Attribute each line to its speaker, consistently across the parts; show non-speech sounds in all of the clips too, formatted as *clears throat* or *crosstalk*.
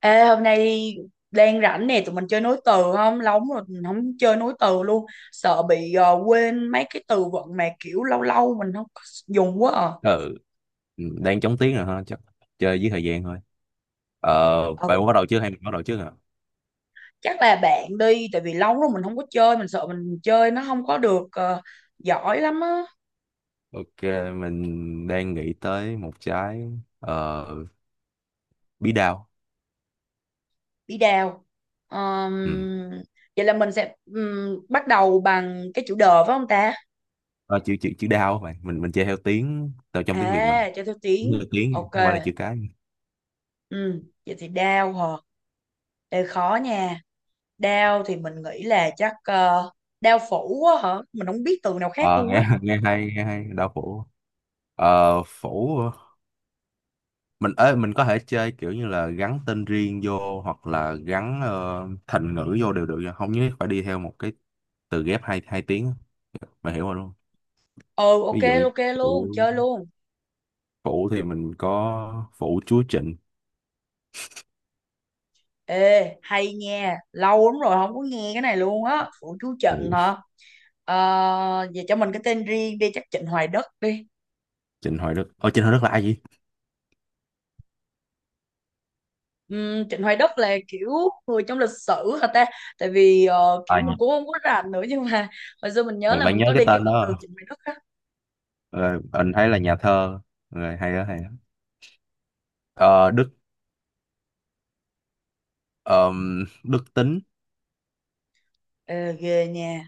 Speaker 1: Ê, hôm nay đang rảnh nè, tụi mình chơi nối từ không? Lâu lắm rồi mình không chơi nối từ luôn. Sợ bị quên mấy cái từ vựng mà kiểu lâu lâu mình không có dùng quá à.
Speaker 2: Ừ, ừ, đang chống tiếng rồi ha, chắc chơi với thời gian thôi.
Speaker 1: Ừ,
Speaker 2: Bạn muốn bắt đầu trước hay mình bắt đầu trước hả?
Speaker 1: chắc là bạn đi, tại vì lâu rồi mình không có chơi, mình sợ mình chơi nó không có được giỏi lắm á.
Speaker 2: Ok, mình đang nghĩ tới một trái, ờ bí đao.
Speaker 1: Bí đào.
Speaker 2: Ừ,
Speaker 1: Ờm, vậy là mình sẽ bắt đầu bằng cái chữ đờ phải không ta?
Speaker 2: ờ, chữ chữ chữ đao á bạn, mình chơi theo tiếng, theo trong tiếng Việt mình.
Speaker 1: À, cho theo
Speaker 2: Đúng
Speaker 1: tiếng.
Speaker 2: là tiếng chứ
Speaker 1: Ok.
Speaker 2: không phải là chữ cái.
Speaker 1: Ừ, vậy thì đào hả? Đây khó nha. Đao thì mình nghĩ là chắc đao phủ á hả? Mình không biết từ nào khác
Speaker 2: Ờ
Speaker 1: luôn
Speaker 2: Nghe
Speaker 1: á.
Speaker 2: *laughs* nghe hay, nghe hay đao phủ. Phủ hả? Mình ơi, mình có thể chơi kiểu như là gắn tên riêng vô hoặc là gắn thành ngữ vô đều được, không nhất thiết phải đi theo một cái từ ghép hai hai tiếng. Bà hiểu rồi đúng?
Speaker 1: Ừ, ok.
Speaker 2: Ví dụ như
Speaker 1: Ok luôn,
Speaker 2: phụ,
Speaker 1: chơi luôn.
Speaker 2: phụ thì mình có phụ chúa Trịnh.
Speaker 1: Ê, hay nha, lâu lắm rồi không có nghe cái này luôn á. Phủ chú Trịnh
Speaker 2: Ừ.
Speaker 1: hả? Ờ, vậy cho mình cái tên riêng đi, chắc Trịnh Hoài Đất đi.
Speaker 2: Trịnh Hoài Đức. Ở, Trịnh Hoài Đức là ai vậy?
Speaker 1: Trịnh Hoài Đất là kiểu người trong lịch sử hả ta? Tại vì kiểu
Speaker 2: À,
Speaker 1: mình
Speaker 2: nhỉ.
Speaker 1: cũng không có rành nữa nhưng mà hồi xưa mình nhớ
Speaker 2: bạn,
Speaker 1: là
Speaker 2: bạn
Speaker 1: mình
Speaker 2: nhớ
Speaker 1: có
Speaker 2: cái
Speaker 1: đi cái
Speaker 2: tên
Speaker 1: con đường
Speaker 2: đó không?
Speaker 1: Trịnh Hoài Đất á.
Speaker 2: Ờ, mình thấy là nhà thơ. Rồi, hay đó, hay đó. Ờ, Đức, Đức Tính.
Speaker 1: Ờ, ghê nha.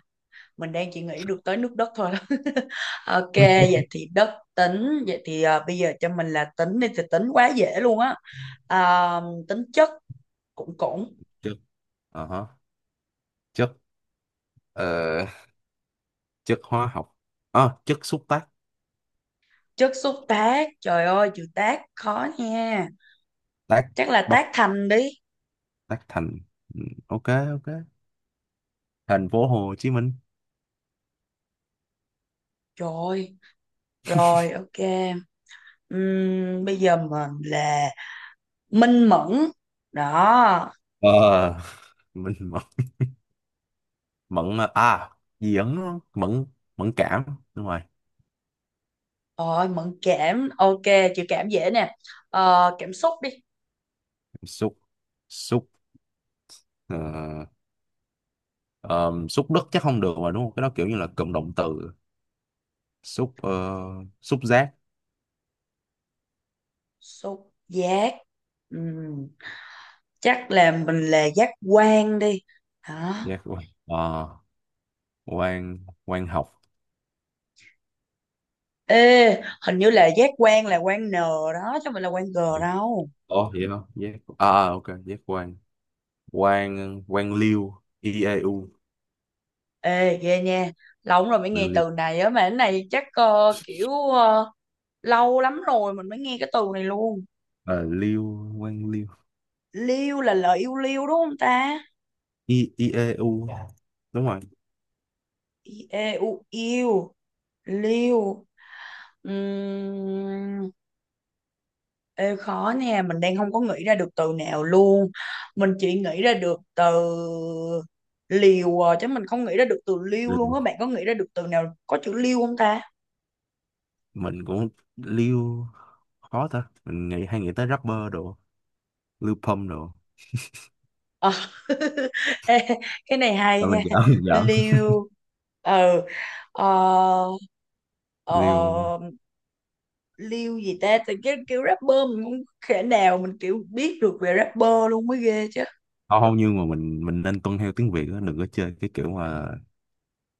Speaker 1: Mình đang chỉ nghĩ được tới nước đất thôi. *laughs* Ok, vậy thì đất tính. Vậy thì à, bây giờ cho mình là tính đi thì tính quá dễ luôn á. À, tính chất. Cũng cũng
Speaker 2: Chất. Ờ hả. Chất ờ, chất hóa học. Ờ, chất xúc tác.
Speaker 1: chất xúc tác. Trời ơi chữ tác khó nha.
Speaker 2: Tác.
Speaker 1: Chắc là
Speaker 2: Bắc.
Speaker 1: tác thành đi.
Speaker 2: Tác Thành. Ừ. Ok, ok. Thành phố Hồ Chí Minh.
Speaker 1: Trời ơi, rồi ok. Bây giờ mình là minh mẫn đó.
Speaker 2: Ờ, *laughs* mình mẫn, à, gì ẩn đúng không? Mẫn mẫn cảm, đúng rồi.
Speaker 1: Rồi mẫn cảm, ok. Chữ cảm dễ nè. Ờ, cảm xúc đi.
Speaker 2: Xúc xúc, ờ, xúc đất chắc không được mà đúng không, cái đó kiểu như là cụm động từ. Xúc ờ, xúc giác.
Speaker 1: Xúc giác. Ừm, chắc là mình là giác quan đi, hả?
Speaker 2: Giác quan. Ờ, quan quan học.
Speaker 1: Ê, hình như là giác quan là quan n đó chứ mình là quan g đâu.
Speaker 2: Ồ, vậy hả? Giác, à à, ok, giác quan, quan liêu, i e u,
Speaker 1: Ê ghê nha, lâu lắm rồi mới
Speaker 2: quan
Speaker 1: nghe
Speaker 2: liêu.
Speaker 1: từ này á mà cái này chắc lâu lắm rồi mình mới nghe cái từ này luôn.
Speaker 2: À, liêu, quan liêu,
Speaker 1: Liêu là lời yêu liêu đúng không ta?
Speaker 2: i i e u, đúng rồi.
Speaker 1: I- e u yêu liêu. Ừm, Ê, khó nè, mình đang không có nghĩ ra được từ nào luôn. Mình chỉ nghĩ ra được từ liều à, chứ mình không nghĩ ra được từ liêu luôn
Speaker 2: Liêu.
Speaker 1: á. Bạn có nghĩ ra được từ nào có chữ liêu không ta?
Speaker 2: Mình cũng liêu, khó ta, mình nghĩ, hay nghĩ tới rapper đồ, liêu pump đồ.
Speaker 1: Ờ. *laughs* Ê, cái này hay
Speaker 2: Và
Speaker 1: nha.
Speaker 2: mình giỡn, mình giỡn.
Speaker 1: Liêu. Ừ. Ờ,
Speaker 2: Liêu,
Speaker 1: ờ, liêu gì ta? Từ cái kiểu rapper mình không thể nào mình kiểu biết được về rapper luôn mới ghê chứ.
Speaker 2: không không, nhưng mà mình nên tuân theo tiếng Việt á, đừng có chơi cái kiểu mà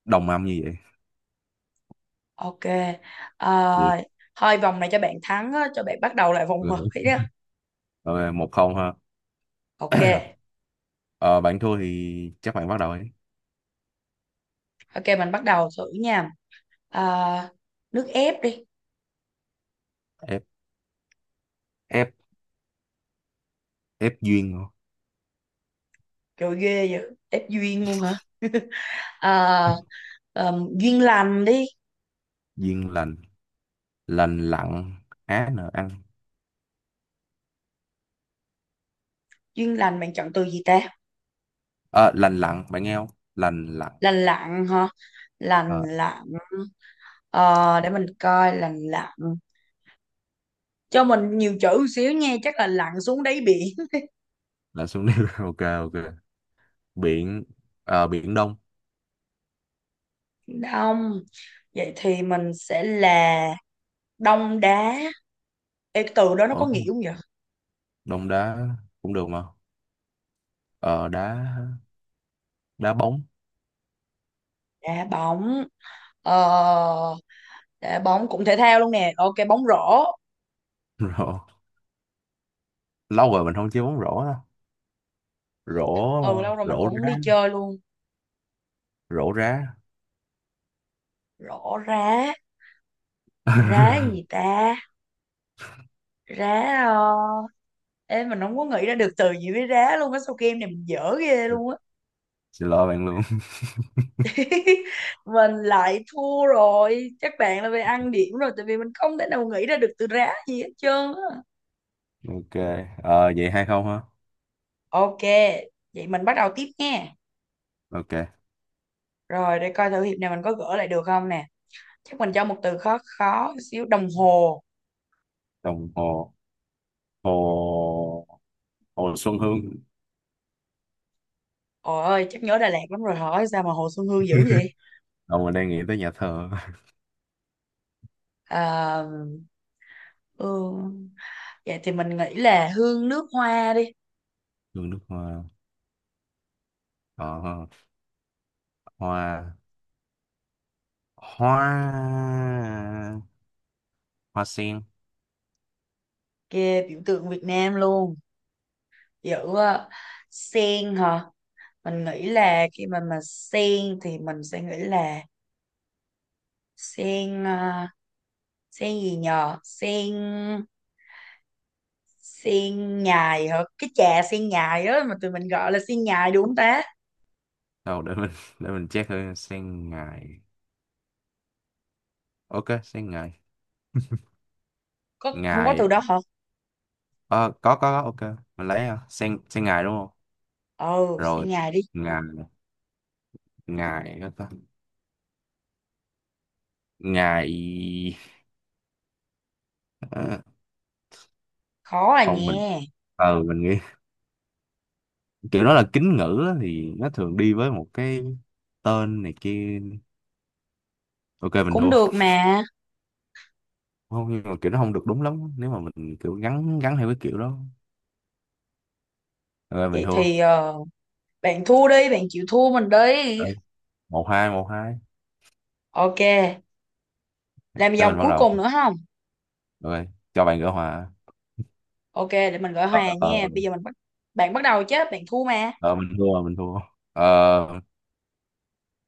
Speaker 2: đồng âm như vậy.
Speaker 1: Ok.
Speaker 2: Vậy
Speaker 1: Ờ, thôi vòng này cho bạn thắng á, cho bạn bắt đầu lại vòng
Speaker 2: là-
Speaker 1: mới.
Speaker 2: rồi, 1-0 ha.
Speaker 1: Ok,
Speaker 2: *clears throat* Ờ, bạn thua thì chắc bạn bắt đầu ấy.
Speaker 1: ok mình bắt đầu thử nha. À, nước ép đi.
Speaker 2: F f f duyên hả?
Speaker 1: Trời ghê vậy, ép duyên luôn hả? *laughs* À, duyên lành đi.
Speaker 2: Duyên lành, lành lặn á, nở ăn.
Speaker 1: Duyên lành bạn chọn từ gì ta?
Speaker 2: Ờ, lành lặn bạn nghe không? Lành lặn.
Speaker 1: Lành lặn hả? Lành
Speaker 2: Ờ,
Speaker 1: lặn. Ờ, để mình coi lành lặn. Cho mình nhiều chữ xíu nha, chắc là lặn xuống đáy biển.
Speaker 2: là xuống nước. *laughs* Ok, ok, biển, biển đông.
Speaker 1: *laughs* Đông. Vậy thì mình sẽ là đông đá. Ê, từ đó nó có
Speaker 2: Ủa,
Speaker 1: nghĩa không vậy?
Speaker 2: đông đá cũng được mà. Ờ, đá, đá bóng.
Speaker 1: Đá bóng. Ờ, dạ, bóng cũng thể thao luôn nè, ok bóng rổ.
Speaker 2: *laughs* Rồi, lâu rồi mình không chơi bóng rổ á.
Speaker 1: Ừ lâu
Speaker 2: Rổ,
Speaker 1: rồi mình
Speaker 2: rổ
Speaker 1: cũng không
Speaker 2: đá,
Speaker 1: đi chơi luôn.
Speaker 2: rổ rá.
Speaker 1: Rổ rá. Rá
Speaker 2: *laughs*
Speaker 1: gì ta? Rá ờ... Ê, mình không có nghĩ ra được từ gì với rá luôn á, sao game này mình dở ghê luôn á.
Speaker 2: Xin lỗi bạn luôn.
Speaker 1: *laughs* Mình lại thua rồi, chắc bạn là về ăn điểm rồi tại vì mình không thể nào nghĩ ra được từ rá gì hết trơn á.
Speaker 2: *laughs* Ok. Ờ, vậy 2-0 hả?
Speaker 1: Ok vậy mình bắt đầu tiếp nha.
Speaker 2: Ok.
Speaker 1: Rồi để coi thử hiệp này mình có gỡ lại được không nè. Chắc mình cho một từ khó khó xíu, đồng hồ.
Speaker 2: Đồng hồ. Hồ, hồ Xuân Hương.
Speaker 1: Ôi ơi, chắc nhớ Đà Lạt lắm rồi hỏi sao mà Hồ Xuân Hương dữ vậy?
Speaker 2: *laughs* Đồng, mình đang nghĩ tới nhà thờ.
Speaker 1: À, Hương... dạ thì mình nghĩ là hương nước hoa đi.
Speaker 2: Hương nước hoa. Ờ, hoa, hoa, hoa sen.
Speaker 1: Kia biểu tượng Việt Nam luôn. Giữ sen hả? Mình nghĩ là khi mà sen thì mình sẽ nghĩ là sen ờ, sen gì nhờ? Sen sen nhài hả? Cái trà sen nhài á mà tụi mình gọi là sen nhài đúng không ta?
Speaker 2: Đâu, để mình check thôi. Sen ngài. Ok, sen ngài.
Speaker 1: Có không có từ
Speaker 2: Ngài.
Speaker 1: đó hả?
Speaker 2: Ờ, có, ok, mình lấy hả? Sen, sen ngài đúng không?
Speaker 1: Ừ,
Speaker 2: Rồi,
Speaker 1: sen nhài đi.
Speaker 2: ngài, ngài có ta. Ngài, ờ,
Speaker 1: Khó à
Speaker 2: không, mình
Speaker 1: nha.
Speaker 2: ờ mình nghĩ kiểu đó là kính ngữ á, thì nó thường đi với một cái tên này kia. Ok, mình
Speaker 1: Cũng
Speaker 2: thua.
Speaker 1: được
Speaker 2: *laughs*
Speaker 1: mà.
Speaker 2: Không, nhưng mà kiểu nó không được đúng lắm nếu mà mình kiểu gắn gắn theo cái kiểu đó. Ok, mình
Speaker 1: Vậy
Speaker 2: thua.
Speaker 1: thì bạn thua đi, bạn chịu thua mình đi.
Speaker 2: Ừ. 1-2, 1-2.
Speaker 1: Ok, làm
Speaker 2: Tới
Speaker 1: vòng
Speaker 2: mình bắt
Speaker 1: cuối
Speaker 2: đầu.
Speaker 1: cùng nữa không?
Speaker 2: Ok, cho bạn gỡ hòa.
Speaker 1: Ok, để mình gọi
Speaker 2: ờ,
Speaker 1: hòa
Speaker 2: ờ,
Speaker 1: nha. Bây giờ mình bắt bạn bắt đầu chứ, bạn thua mà.
Speaker 2: ờ, mình thua, mình thua. Ờ,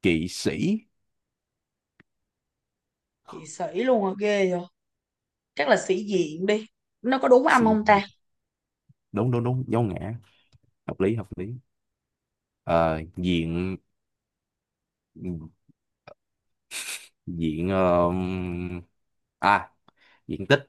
Speaker 2: kỵ sĩ.
Speaker 1: Kỵ sĩ luôn à, ghê rồi. Chắc là sĩ diện đi. Nó có đúng âm
Speaker 2: Sĩ,
Speaker 1: không ta?
Speaker 2: đúng đúng đúng, dấu ngã, hợp lý, hợp lý. Ờ, Diện, diện ờ, à, diện tích,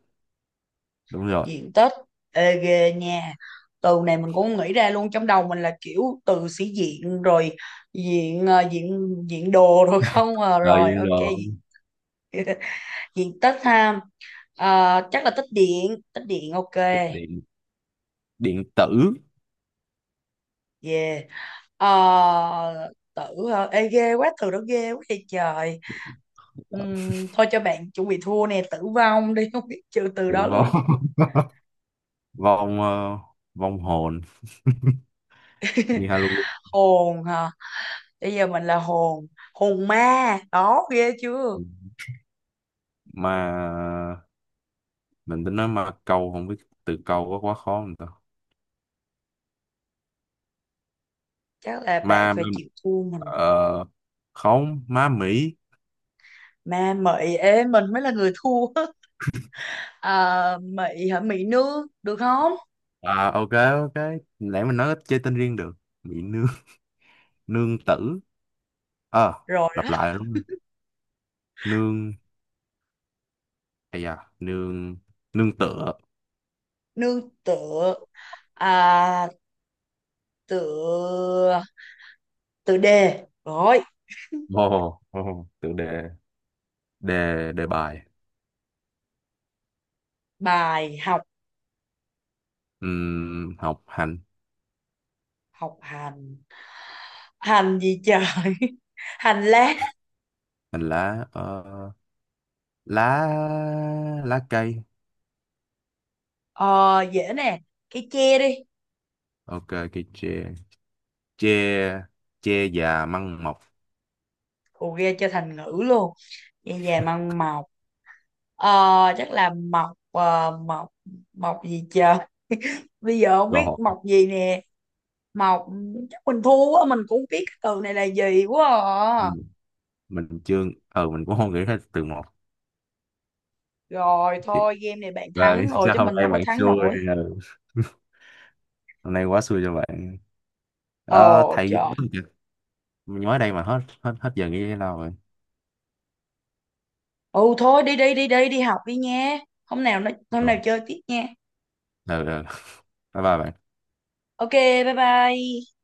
Speaker 2: đúng rồi.
Speaker 1: Diện tích. Ê ghê nha. Từ này mình cũng nghĩ ra luôn trong đầu mình là kiểu từ sĩ diện rồi diện diện diện đồ *laughs* rồi không à.
Speaker 2: Ờ,
Speaker 1: Rồi
Speaker 2: Diện
Speaker 1: ok
Speaker 2: rồi,
Speaker 1: diện, *laughs* diện tích ha. Ờ, chắc là tích điện ok.
Speaker 2: tích điện, điện tử.
Speaker 1: Yeah. Ờ, tự hả? Ê, ghê quá, từ đó ghê quá vậy trời.
Speaker 2: Ờ,
Speaker 1: Thôi cho bạn chuẩn bị thua nè, tử vong đi *laughs* không biết trừ từ đó luôn.
Speaker 2: vòng *laughs* vòng ờ, vòng hồn, như Halloween
Speaker 1: Hồn hả, bây giờ mình là hồn. Hồn ma đó ghê chưa.
Speaker 2: mà. Mình tính nói ma câu, không biết từ câu có quá khó không ta.
Speaker 1: Chắc là bạn
Speaker 2: Ma ma-
Speaker 1: phải chịu thua mình.
Speaker 2: ờ, Không, ma Mỹ.
Speaker 1: Ma mị, ê mình mới là người thua. *laughs* À, mị hả, mị nương được không?
Speaker 2: À, ok, ok, lẽ mình nói ít chơi tên riêng được. Mỹ nương, nương tử. Ờ,
Speaker 1: Rồi
Speaker 2: lặp
Speaker 1: đó.
Speaker 2: lại rồi đúng không? Nương, ây da, nương, nương tựa.
Speaker 1: Nương tựa. À, tựa tựa đề rồi.
Speaker 2: Ồ, oh, tựa đề. Đề, đề bài.
Speaker 1: Bài học.
Speaker 2: Học hành.
Speaker 1: Học hành. Hành gì trời, *laughs* hành lá.
Speaker 2: Hành lá. Ờ, lá, lá cây.
Speaker 1: Ờ dễ nè, cái tre đi.
Speaker 2: Ok, cây tre. Tre, tre già măng mọc.
Speaker 1: Ồ ghê cho thành ngữ luôn, về về măng mọc. Ờ chắc là mọc mọc gì trời. *laughs* Bây giờ không biết
Speaker 2: Gọt.
Speaker 1: mọc gì nè. Mọc, chắc mình thua quá, mình cũng không biết cái từ này là gì quá à.
Speaker 2: Mình mình chưa, mình cũng không nghĩ hết từ một.
Speaker 1: Rồi thôi game này bạn
Speaker 2: Rồi.
Speaker 1: thắng
Speaker 2: *laughs*
Speaker 1: rồi
Speaker 2: Sao
Speaker 1: chứ
Speaker 2: hôm
Speaker 1: mình
Speaker 2: nay
Speaker 1: đâu có
Speaker 2: bạn
Speaker 1: thắng
Speaker 2: xui?
Speaker 1: nổi.
Speaker 2: Ừ. *laughs* Hôm nay quá xui cho bạn. Ờ,
Speaker 1: Ồ
Speaker 2: thầy
Speaker 1: trời.
Speaker 2: nói đây mà, hết hết hết giờ nghĩ thế nào rồi.
Speaker 1: Ừ thôi đi đi đi đi đi học đi nha. Hôm
Speaker 2: Rồi.
Speaker 1: nào chơi tiếp nha.
Speaker 2: Ừ, ừ. Bye bye bạn.
Speaker 1: Ok, bye bye.